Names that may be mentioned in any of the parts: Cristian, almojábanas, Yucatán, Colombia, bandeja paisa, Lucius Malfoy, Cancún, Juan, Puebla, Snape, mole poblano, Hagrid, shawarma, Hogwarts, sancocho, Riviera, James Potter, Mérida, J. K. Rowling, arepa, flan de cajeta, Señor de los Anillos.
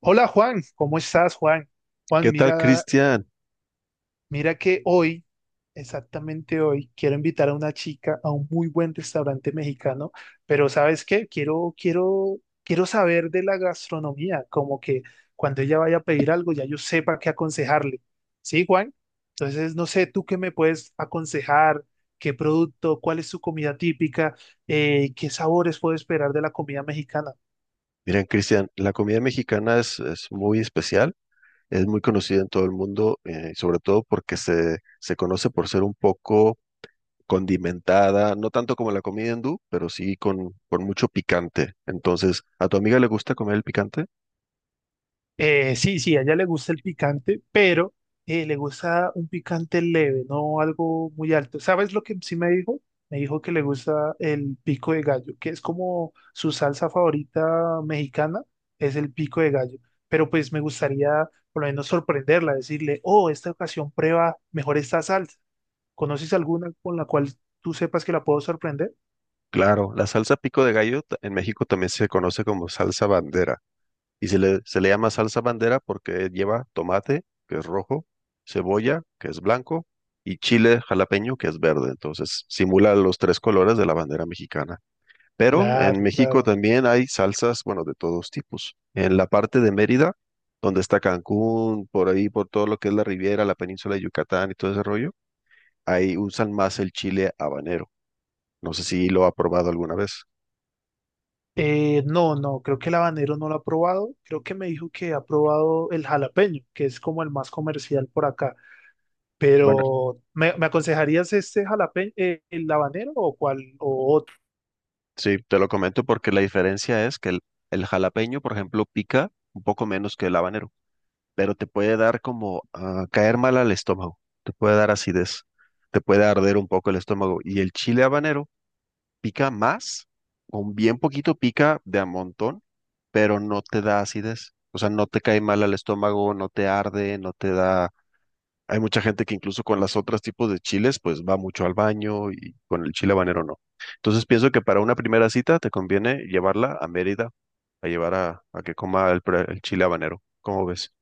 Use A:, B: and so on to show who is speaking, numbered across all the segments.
A: Hola Juan, ¿cómo estás Juan? Juan,
B: ¿Qué tal,
A: mira,
B: Cristian?
A: mira que hoy, exactamente hoy, quiero invitar a una chica a un muy buen restaurante mexicano, pero ¿sabes qué? Quiero saber de la gastronomía, como que cuando ella vaya a pedir algo ya yo sepa qué aconsejarle. ¿Sí, Juan? Entonces, no sé, ¿tú qué me puedes aconsejar? ¿Qué producto? ¿Cuál es su comida típica? ¿Qué sabores puedo esperar de la comida mexicana?
B: Miren, Cristian, la comida mexicana es muy especial, es muy conocida en todo el mundo, sobre todo porque se conoce por ser un poco condimentada, no tanto como la comida hindú, pero sí con mucho picante. Entonces, ¿a tu amiga le gusta comer el picante?
A: Sí, sí, a ella le gusta el picante, pero le gusta un picante leve, no algo muy alto. ¿Sabes lo que sí me dijo? Me dijo que le gusta el pico de gallo, que es como su salsa favorita mexicana, es el pico de gallo. Pero pues me gustaría por lo menos sorprenderla, decirle, oh, esta ocasión prueba mejor esta salsa. ¿Conoces alguna con la cual tú sepas que la puedo sorprender?
B: Claro, la salsa pico de gallo en México también se conoce como salsa bandera. Y se le llama salsa bandera porque lleva tomate, que es rojo, cebolla, que es blanco, y chile jalapeño, que es verde. Entonces simula los tres colores de la bandera mexicana. Pero en
A: Claro,
B: México
A: claro.
B: también hay salsas, bueno, de todos tipos. En la parte de Mérida, donde está Cancún, por ahí, por todo lo que es la Riviera, la península de Yucatán y todo ese rollo, ahí usan más el chile habanero. No sé si lo ha probado alguna vez.
A: No, no, creo que el habanero no lo ha probado. Creo que me dijo que ha probado el jalapeño, que es como el más comercial por acá.
B: Bueno.
A: Pero, ¿me aconsejarías este jalapeño, el habanero o cuál o otro?
B: Sí, te lo comento porque la diferencia es que el jalapeño, por ejemplo, pica un poco menos que el habanero, pero te puede dar como ah, caer mal al estómago, te puede dar acidez, te puede arder un poco el estómago. Y el chile habanero pica más, con bien poquito pica de a montón, pero no te da acidez. O sea, no te cae mal al estómago, no te arde, no te da hay mucha gente que incluso con las otras tipos de chiles, pues va mucho al baño y con el chile habanero no. Entonces pienso que para una primera cita te conviene llevarla a Mérida, a llevar a que coma el, el chile habanero. ¿Cómo ves?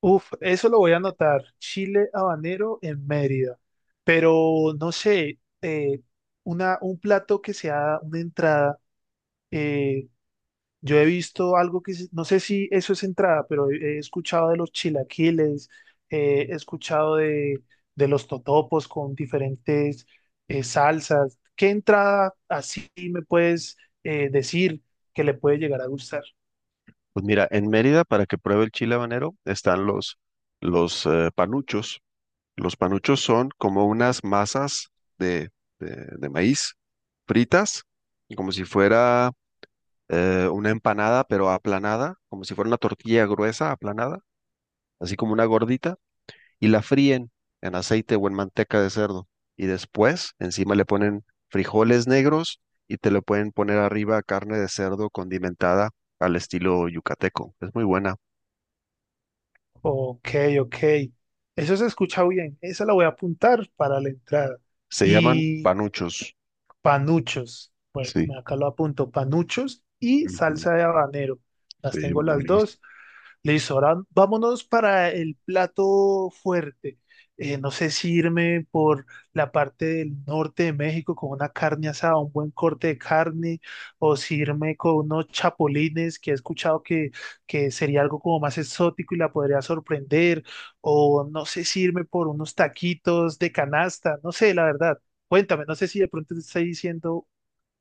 A: Uf, eso lo voy a anotar. Chile habanero en Mérida. Pero, no sé, un plato que sea una entrada. eh, Yo he visto algo no sé si eso es entrada, pero he escuchado de los chilaquiles, eh, he escuchado de, de los totopos con diferentes salsas. ¿Qué entrada así me puedes decir que le puede llegar a gustar?
B: Pues mira, en Mérida para que pruebe el chile habanero están los panuchos. Los panuchos son como unas masas de, de maíz fritas, como si fuera una empanada, pero aplanada, como si fuera una tortilla gruesa aplanada así como una gordita, y la fríen en aceite o en manteca de cerdo. Y después encima le ponen frijoles negros y te le pueden poner arriba carne de cerdo condimentada al estilo yucateco. Es muy buena.
A: Ok, ok. Eso se escucha bien. Esa la voy a apuntar para la entrada.
B: Se llaman
A: Y
B: panuchos.
A: panuchos.
B: Sí,
A: Bueno, acá lo apunto. Panuchos y
B: ujú,
A: salsa de habanero. Las
B: sí,
A: tengo las
B: buenísimo.
A: dos. Listo, ahora vámonos para el plato fuerte. No sé si irme por la parte del norte de México con una carne asada, un buen corte de carne, o si irme con unos chapulines que he escuchado que sería algo como más exótico y la podría sorprender, o no sé si irme por unos taquitos de canasta, no sé, la verdad. Cuéntame, no sé si de pronto te estoy diciendo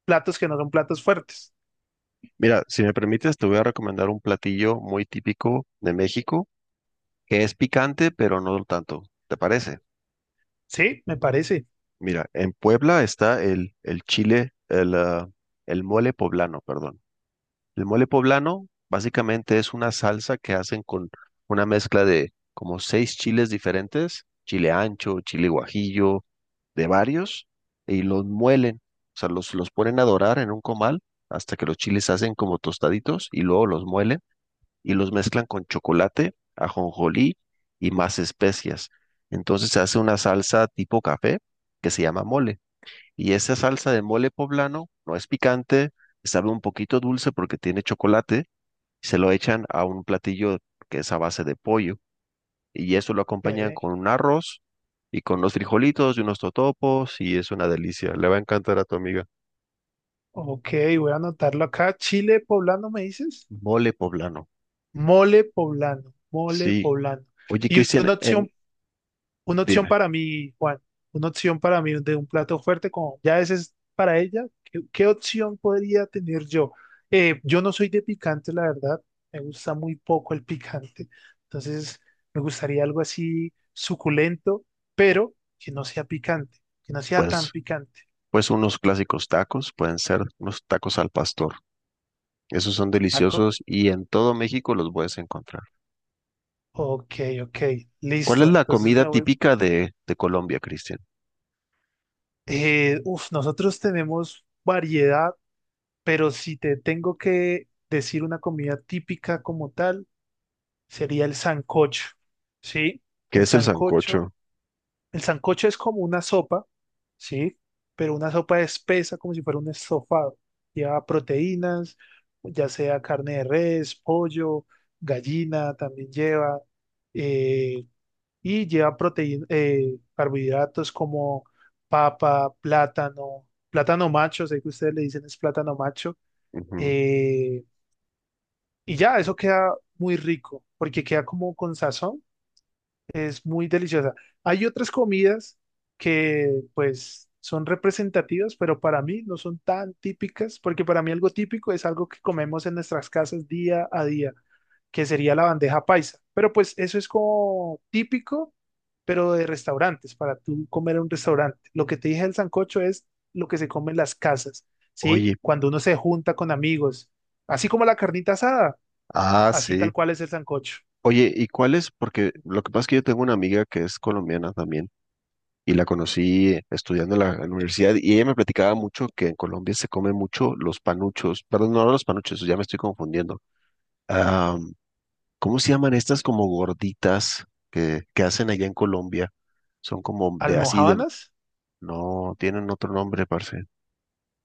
A: platos que no son platos fuertes.
B: Mira, si me permites, te voy a recomendar un platillo muy típico de México, que es picante, pero no tanto. ¿Te parece?
A: Sí, me parece.
B: Mira, en Puebla está el chile, el el mole poblano, perdón. El mole poblano básicamente es una salsa que hacen con una mezcla de como seis chiles diferentes, chile ancho, chile guajillo, de varios, y los muelen, o sea, los ponen a dorar en un comal hasta que los chiles se hacen como tostaditos y luego los muelen y los mezclan con chocolate, ajonjolí y más especias. Entonces se hace una salsa tipo café que se llama mole. Y esa salsa de mole poblano no es picante, sabe un poquito dulce porque tiene chocolate. Se lo echan a un platillo que es a base de pollo. Y eso lo acompañan
A: Ok.
B: con un arroz y con unos frijolitos y unos totopos. Y es una delicia. Le va a encantar a tu amiga.
A: Ok, voy a anotarlo acá. Chile poblano, ¿me dices?
B: Mole poblano.
A: Mole poblano, mole
B: Sí.
A: poblano.
B: Oye,
A: Y
B: Cristian, en-
A: una opción
B: dime,
A: para mí, Juan, una opción para mí de un plato fuerte, como ya ese es para ella. ¿Qué opción podría tener yo? Yo no soy de picante, la verdad. Me gusta muy poco el picante. Entonces, me gustaría algo así suculento, pero que no sea picante, que no sea tan
B: pues,
A: picante.
B: pues unos clásicos tacos, pueden ser unos tacos al pastor. Esos son
A: Taco.
B: deliciosos y en todo México los puedes encontrar.
A: Ok, ok,
B: ¿Cuál es
A: listo.
B: la
A: Entonces
B: comida
A: me voy.
B: típica de Colombia, Cristian?
A: Nosotros tenemos variedad, pero si te tengo que decir una comida típica como tal, sería el sancocho, ¿sí?
B: ¿Qué
A: El
B: es el
A: sancocho,
B: sancocho?
A: el sancocho es como una sopa, ¿sí? Pero una sopa espesa como si fuera un estofado. Lleva proteínas, ya sea carne de res, pollo, gallina, también lleva. eh, y lleva proteína, carbohidratos como papa, plátano, plátano macho, sé que ustedes le dicen es plátano macho,
B: Ujú.
A: eh, y ya, eso queda muy rico, porque queda como con sazón, es muy deliciosa. Hay otras comidas que pues son representativas, pero para mí no son tan típicas, porque para mí algo típico es algo que comemos en nuestras casas día a día, que sería la bandeja paisa. Pero pues eso es como típico, pero de restaurantes, para tú comer en un restaurante. Lo que te dije del sancocho es lo que se come en las casas, ¿sí?
B: Oye,
A: Cuando uno se junta con amigos, así como la carnita asada,
B: ah,
A: así tal
B: sí.
A: cual es el sancocho.
B: Oye, ¿y cuál es? Porque lo que pasa es que yo tengo una amiga que es colombiana también y la conocí estudiando en la universidad y ella me platicaba mucho que en Colombia se come mucho los panuchos, perdón, no los panuchos, ya me estoy confundiendo. Ah, ¿cómo se llaman estas como gorditas que hacen allá en Colombia? Son como de así de...
A: ¿Almojábanas?
B: No, tienen otro nombre, parce.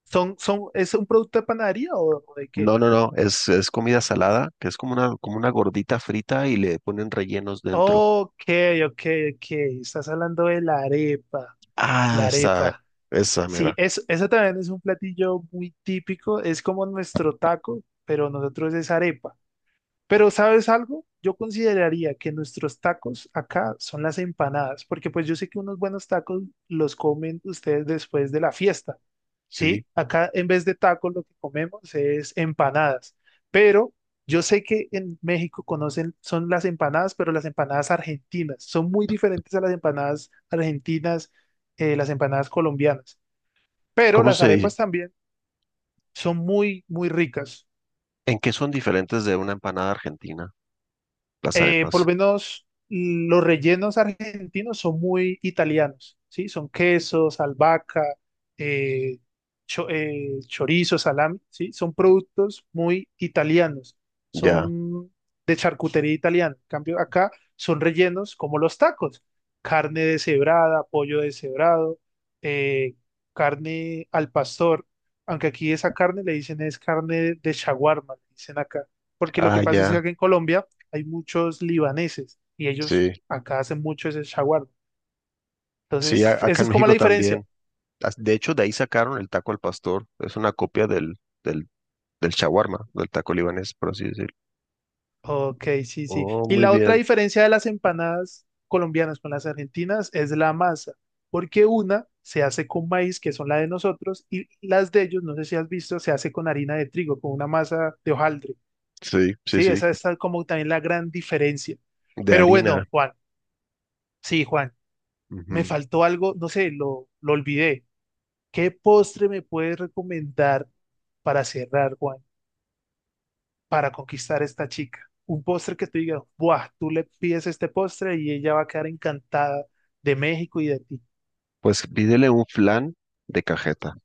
A: Es un producto de panadería o de qué?
B: No, no, no, es comida salada, que es como una gordita frita y le ponen rellenos dentro.
A: Ok, ok, ok. Estás hablando de la arepa.
B: Ah,
A: La
B: esa,
A: arepa.
B: esa,
A: Sí,
B: mira,
A: es, eso también es un platillo muy típico. Es como nuestro taco, pero nosotros es arepa. Pero ¿sabes algo? Yo consideraría que nuestros tacos acá son las empanadas, porque pues yo sé que unos buenos tacos los comen ustedes después de la fiesta.
B: sí.
A: Sí, acá en vez de tacos lo que comemos es empanadas, pero yo sé que en México conocen, son las empanadas, pero las empanadas argentinas son muy diferentes a las empanadas argentinas, las empanadas colombianas, pero
B: ¿Cómo
A: las
B: se dice?
A: arepas también son muy, muy ricas.
B: ¿En qué son diferentes de una empanada argentina? Las
A: Por
B: arepas.
A: lo menos los rellenos argentinos son muy italianos, ¿sí? Son quesos, albahaca, eh, chorizo, salami, ¿sí? Son productos muy italianos,
B: Ya,
A: son de charcutería italiana. En cambio, acá son rellenos como los tacos, carne deshebrada, pollo deshebrado, eh, carne al pastor, aunque aquí esa carne le dicen es carne de shawarma, le dicen acá, porque lo que
B: ah,
A: pasa es que
B: ya,
A: acá en Colombia hay muchos libaneses y ellos
B: sí.
A: acá hacen mucho ese shawarma.
B: Sí,
A: Entonces,
B: acá
A: esa
B: en
A: es como la
B: México
A: diferencia.
B: también. De hecho, de ahí sacaron el taco al pastor. Es una copia del, del shawarma, del taco libanés, por así decirlo.
A: Ok, sí, sí.
B: Oh,
A: Y
B: muy
A: la otra
B: bien.
A: diferencia de las empanadas colombianas con las argentinas es la masa, porque una se hace con maíz, que son la de nosotros, y las de ellos, no sé si has visto, se hace con harina de trigo, con una masa de hojaldre.
B: Sí, sí,
A: Sí,
B: sí.
A: esa es tal como también la gran diferencia.
B: De
A: Pero
B: harina.
A: bueno, Juan, sí, Juan, me
B: Ujú.
A: faltó algo, no sé, lo olvidé. ¿Qué postre me puedes recomendar para cerrar, Juan, para conquistar a esta chica? Un postre que tú digas, ¡buah! Tú le pides este postre y ella va a quedar encantada de México y de ti.
B: Pues pídele un flan de cajeta.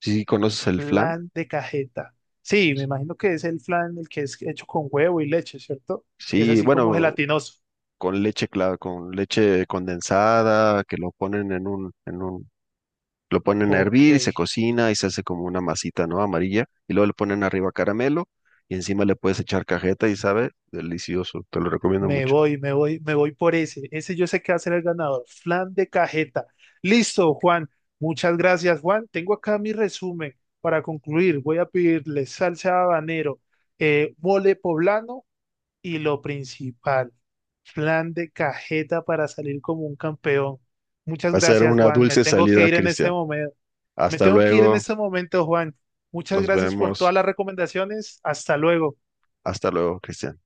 B: Sí, ¿conoces el flan?
A: Flan de cajeta. Sí, me imagino que es el flan el que es hecho con huevo y leche, ¿cierto? Que es
B: Sí,
A: así como
B: bueno,
A: gelatinoso.
B: con leche condensada, que lo ponen en un, lo ponen a
A: Ok.
B: hervir y se cocina y se hace como una masita, ¿no? Amarilla, y luego le ponen arriba caramelo y encima le puedes echar cajeta y sabe, delicioso, te lo recomiendo mucho.
A: Me voy por ese. Ese yo sé que va a ser el ganador. Flan de cajeta. Listo, Juan. Muchas gracias, Juan. Tengo acá mi resumen. Para concluir, voy a pedirle salsa de habanero, mole poblano y lo principal, flan de cajeta para salir como un campeón. Muchas
B: Va a ser
A: gracias,
B: una
A: Juan. Me
B: dulce
A: tengo que
B: salida,
A: ir en este
B: Cristian.
A: momento. Me
B: Hasta
A: tengo que ir en
B: luego,
A: este momento, Juan. Muchas
B: nos
A: gracias por todas
B: vemos.
A: las recomendaciones. Hasta luego.
B: Hasta luego, Cristian.